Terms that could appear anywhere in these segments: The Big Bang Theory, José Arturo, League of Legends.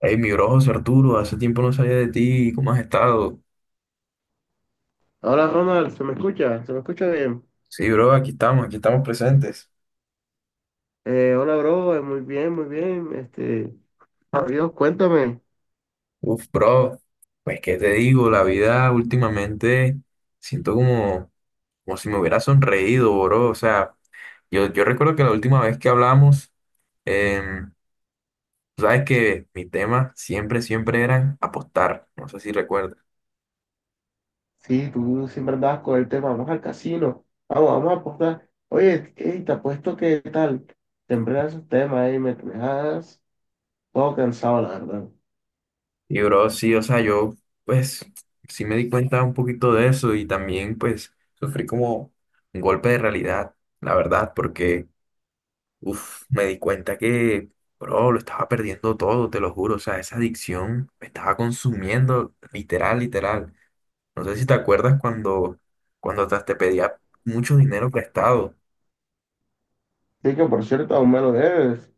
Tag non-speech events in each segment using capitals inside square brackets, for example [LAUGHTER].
Hey, mi bro José Arturo, hace tiempo no sabía de ti, ¿cómo has estado? Hola Ronald, ¿se me escucha? ¿Se me escucha bien? Sí, bro, aquí estamos presentes. Hola bro, muy bien, muy bien. Dios, cuéntame. Uf, bro, pues qué te digo, la vida últimamente siento como, como si me hubiera sonreído, bro. O sea, yo recuerdo que la última vez que hablamos, em, sabes que mi tema siempre, siempre eran apostar, no sé si recuerdas. Sí, tú siempre andabas con el tema, vamos al casino, vamos, vamos a apostar. Oye, ey, te apuesto que tal, siempre das esos temas y me dejas todo cansado, la verdad. Y bro, sí, o sea, yo pues sí me di cuenta un poquito de eso y también pues sufrí como un golpe de realidad, la verdad, porque uff, me di cuenta que, bro, lo estaba perdiendo todo, te lo juro, o sea, esa adicción me estaba consumiendo literal, literal. No sé si te acuerdas cuando, cuando hasta te pedía mucho dinero prestado. Sí que por cierto, aún me lo debes.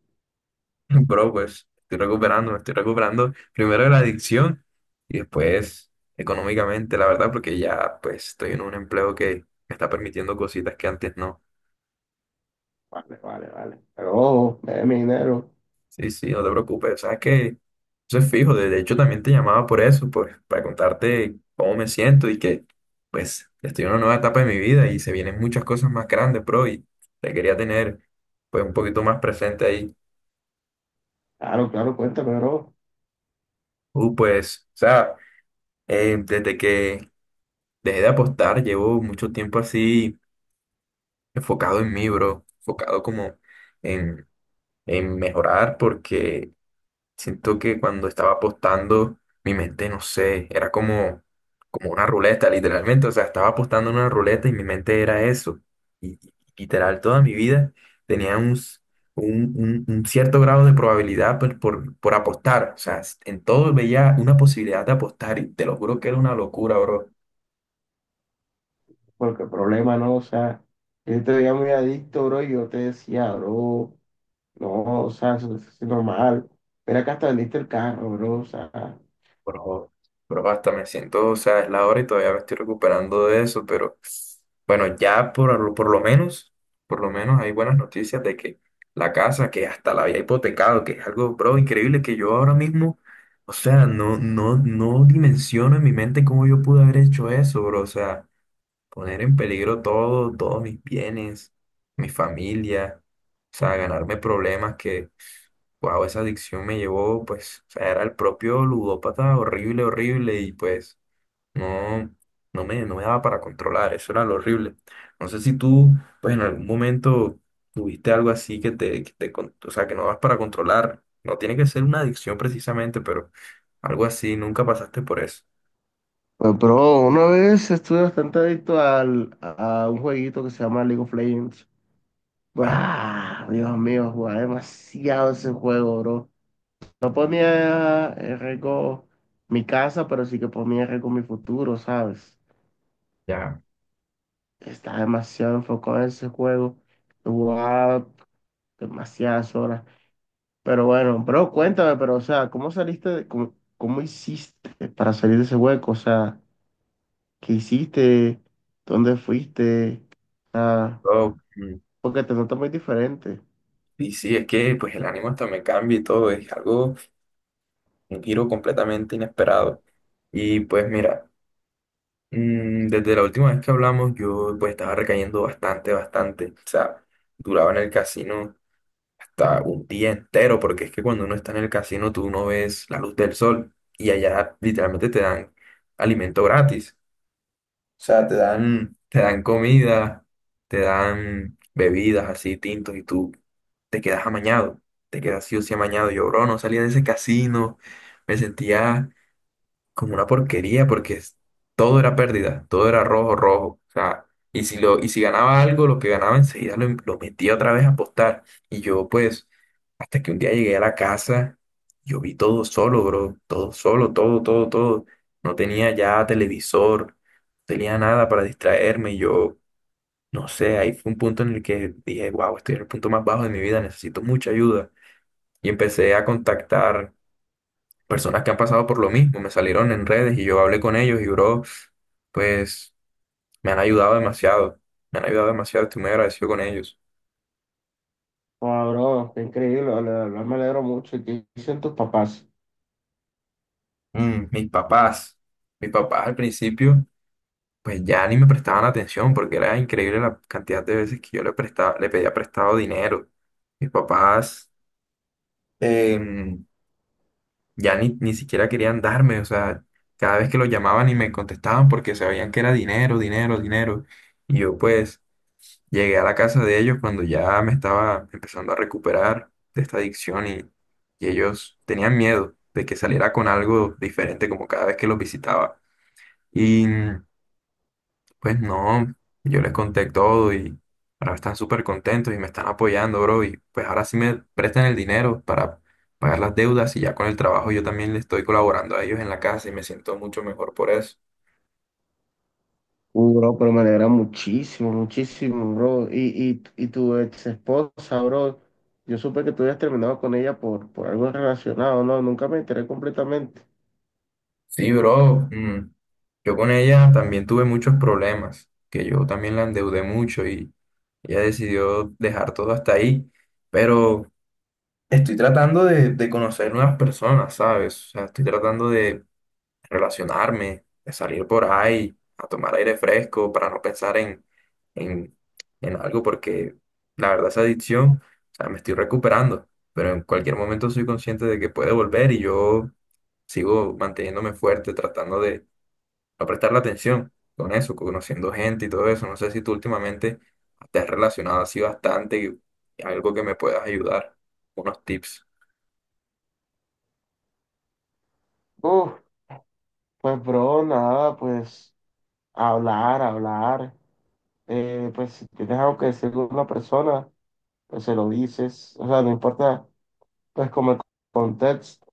[LAUGHS] Bro, pues estoy recuperando, me estoy recuperando primero de la adicción y después económicamente, la verdad, porque ya pues estoy en un empleo que me está permitiendo cositas que antes no. Vale, vale, vale. Pero ojo, me debes mi dinero. Sí, sí, no te preocupes, sabes que eso es fijo, de hecho también te llamaba por eso, pues para contarte cómo me siento y que pues estoy en una nueva etapa de mi vida y se vienen muchas cosas más grandes, bro, y te quería tener pues un poquito más presente ahí. Claro, claro, cuéntame bro, Pues, o sea, desde que dejé de apostar, llevo mucho tiempo así enfocado en mí, bro, enfocado como en, en mejorar porque siento que cuando estaba apostando, mi mente, no sé, era como, como una ruleta, literalmente, o sea, estaba apostando en una ruleta y mi mente era eso. Y literal, toda mi vida tenía un, un, un cierto grado de probabilidad por apostar, o sea, en todo veía una posibilidad de apostar y te lo juro que era una locura, bro. porque el problema no, o sea, yo te veía muy adicto bro y yo te decía bro. No, o sea, eso es normal. Mira que hasta vendiste el carro, bro. O sea, Bro, bro, hasta me siento, o sea, es la hora y todavía me estoy recuperando de eso, pero bueno, ya por, por lo menos hay buenas noticias de que la casa, que hasta la había hipotecado, que es algo, bro, increíble que yo ahora mismo, o sea, no, no, no dimensiono en mi mente cómo yo pude haber hecho eso, bro, o sea, poner en peligro todo, todos mis bienes, mi familia, o sea, ganarme problemas. Wow, esa adicción me llevó, pues, o sea, era el propio ludópata, horrible, horrible, y pues no, no me daba para controlar, eso era lo horrible. No sé si tú, pues, en algún momento tuviste algo así que te, o sea, que no vas para controlar. No tiene que ser una adicción precisamente, pero algo así, nunca pasaste por eso. pues, bro, una vez estuve bastante adicto al, a un jueguito que se llama League of Legends. Vale, ¡Ah! Dios mío, jugaba demasiado ese juego, bro. No ponía en riesgo mi casa, pero sí que ponía en riesgo mi futuro, ¿sabes? ya. Estaba demasiado enfocado en ese juego. Jugaba demasiadas horas. Pero bueno, bro, cuéntame, pero o sea, ¿cómo saliste, cómo hiciste para salir de ese hueco? O sea, ¿qué hiciste? ¿Dónde fuiste? Ah, Oh, porque te notas muy diferente. y sí, es que, pues, el ánimo hasta me cambia y todo, es algo, un giro completamente inesperado. Y pues, mira. Desde la última vez que hablamos, yo pues estaba recayendo bastante, bastante. O sea, duraba en el casino hasta un día entero, porque es que cuando uno está en el casino tú no ves la luz del sol y allá literalmente te dan alimento gratis. O sea, te dan comida, te dan bebidas así, tintos, y tú te quedas amañado, te quedas sí o sí amañado. Yo, bro, no salía de ese casino, me sentía como una porquería porque todo era pérdida, todo era rojo, rojo. O sea, y si, lo, y si ganaba algo, lo que ganaba enseguida lo metía otra vez a apostar. Y yo pues, hasta que un día llegué a la casa, yo vi todo solo, bro, todo solo, todo, todo, todo. No tenía ya televisor, no tenía nada para distraerme. Y yo, no sé, ahí fue un punto en el que dije, wow, estoy en el punto más bajo de mi vida, necesito mucha ayuda. Y empecé a contactar personas que han pasado por lo mismo, me salieron en redes y yo hablé con ellos y, bro, pues me han ayudado demasiado, me han ayudado demasiado, estoy muy agradecido con ellos. Wow, bro, qué increíble, la verdad, me alegro mucho. ¿Y qué dicen tus papás? Mm, mis papás al principio, pues ya ni me prestaban atención porque era increíble la cantidad de veces que yo le prestaba, le pedía prestado dinero. Mis papás em, ya ni, ni siquiera querían darme, o sea, cada vez que los llamaban y me contestaban porque sabían que era dinero, dinero, dinero. Y yo pues... Llegué a la casa de ellos cuando ya me estaba empezando a recuperar de esta adicción y ellos tenían miedo de que saliera con algo diferente como cada vez que los visitaba. Y pues no, yo les conté todo y ahora están súper contentos y me están apoyando, bro. Y pues ahora sí me prestan el dinero para pagar las deudas y ya con el trabajo yo también les estoy colaborando a ellos en la casa y me siento mucho mejor por eso. Bro, pero me alegra muchísimo, muchísimo, bro. Y tu ex esposa, bro, yo supe que tú habías terminado con ella por algo relacionado, ¿no? Nunca me enteré completamente. Sí, bro, yo con ella también tuve muchos problemas, que yo también la endeudé mucho y ella decidió dejar todo hasta ahí, pero estoy tratando de conocer nuevas personas, ¿sabes? O sea, estoy tratando de relacionarme, de salir por ahí, a tomar aire fresco para no pensar en, en algo, porque la verdad esa adicción, o sea, me estoy recuperando, pero en cualquier momento soy consciente de que puede volver y yo sigo manteniéndome fuerte, tratando de a prestarle atención con eso, conociendo gente y todo eso. No sé si tú últimamente te has relacionado así bastante, algo que me puedas ayudar, unos tips. Uf, pues, bro, nada, pues. Hablar, hablar. Pues si tienes algo que decirle a una persona, pues se lo dices. O sea, no importa, pues como el contexto.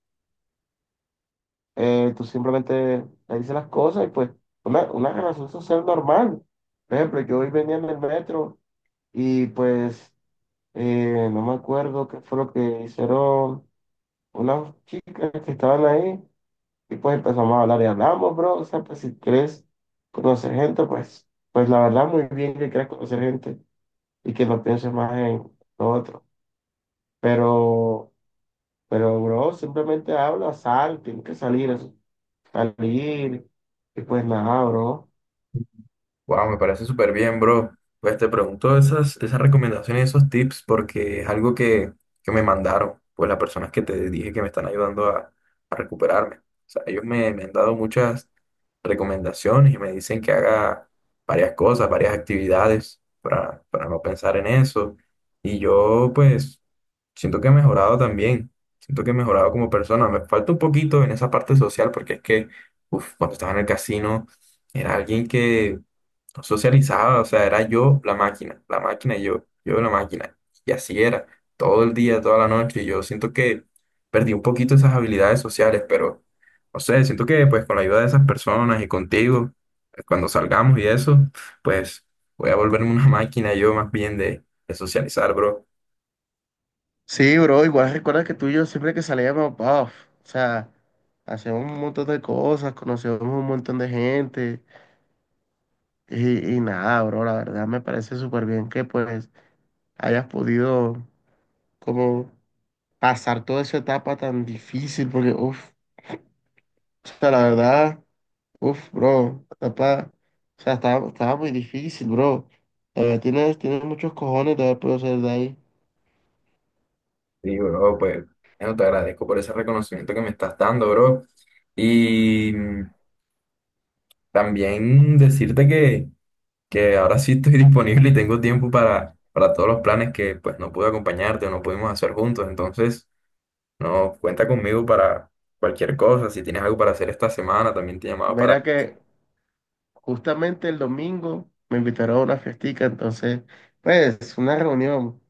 Tú simplemente le dices las cosas y pues una relación social normal. Por ejemplo, yo hoy venía en el metro y pues no me acuerdo qué fue lo que hicieron unas chicas que estaban ahí y pues empezamos a hablar y hablamos, bro. O sea, pues si quieres conocer gente, pues la verdad muy bien que quieras conocer gente. Y que no pienses más en lo otro. Pero, pero, bro, simplemente habla, sal, tiene que salir, salir, y pues nada, bro. Wow, me parece súper bien, bro. Pues te pregunto esas, esas recomendaciones, esos tips, porque es algo que me mandaron, pues las personas que te dije que me están ayudando a recuperarme. O sea, ellos me, me han dado muchas recomendaciones y me dicen que haga varias cosas, varias actividades para no pensar en eso. Y yo, pues, siento que he mejorado también. Siento que he mejorado como persona. Me falta un poquito en esa parte social, porque es que, uf, cuando estaba en el casino, era alguien que no socializaba, o sea, era yo la máquina y yo la máquina. Y así era, todo el día, toda la noche. Y yo siento que perdí un poquito esas habilidades sociales, pero no sé, siento que pues con la ayuda de esas personas y contigo, cuando salgamos y eso, pues voy a volverme una [LAUGHS] máquina yo más bien de socializar, bro. Sí, bro, igual recuerda que tú y yo siempre que salíamos, puff, o sea, hacíamos un montón de cosas, conocíamos un montón de gente y nada, bro, la verdad me parece súper bien que pues hayas podido como pasar toda esa etapa tan difícil, porque, uff, o sea, la verdad... Uf, bro, papá, o sea, estaba muy difícil, bro. Tienes muchos cojones de haber podido salir de ahí. Y bro, pues bueno, te agradezco por ese reconocimiento que me estás dando, bro. Y también decirte que ahora sí estoy [LAUGHS] disponible y tengo tiempo para todos los planes que pues no pude acompañarte o no pudimos hacer juntos. Entonces, no, cuenta conmigo para cualquier cosa. Si tienes algo para hacer esta semana, también te llamaba para... Mira que justamente el domingo me invitaron a una fiestica, entonces, pues, una reunión.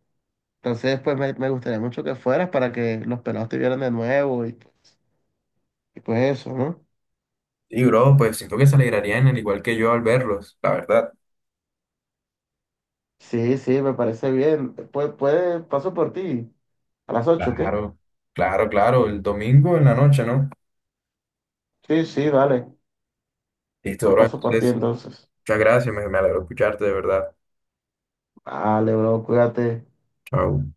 Entonces, pues, me gustaría mucho que fueras para que los pelados te vieran de nuevo y pues eso, ¿no? Y bro, pues siento que se alegrarían al igual que yo al verlos, la verdad. Sí, sí, me parece bien. Pues, paso por ti. A las 8, ¿qué? Claro, claro, claro, el domingo en la noche, ¿no? Sí, sí, vale. Listo, Yo bro. paso por ti Entonces, entonces. muchas gracias, me alegro escucharte, de verdad. Vale, bro, cuídate. Chao.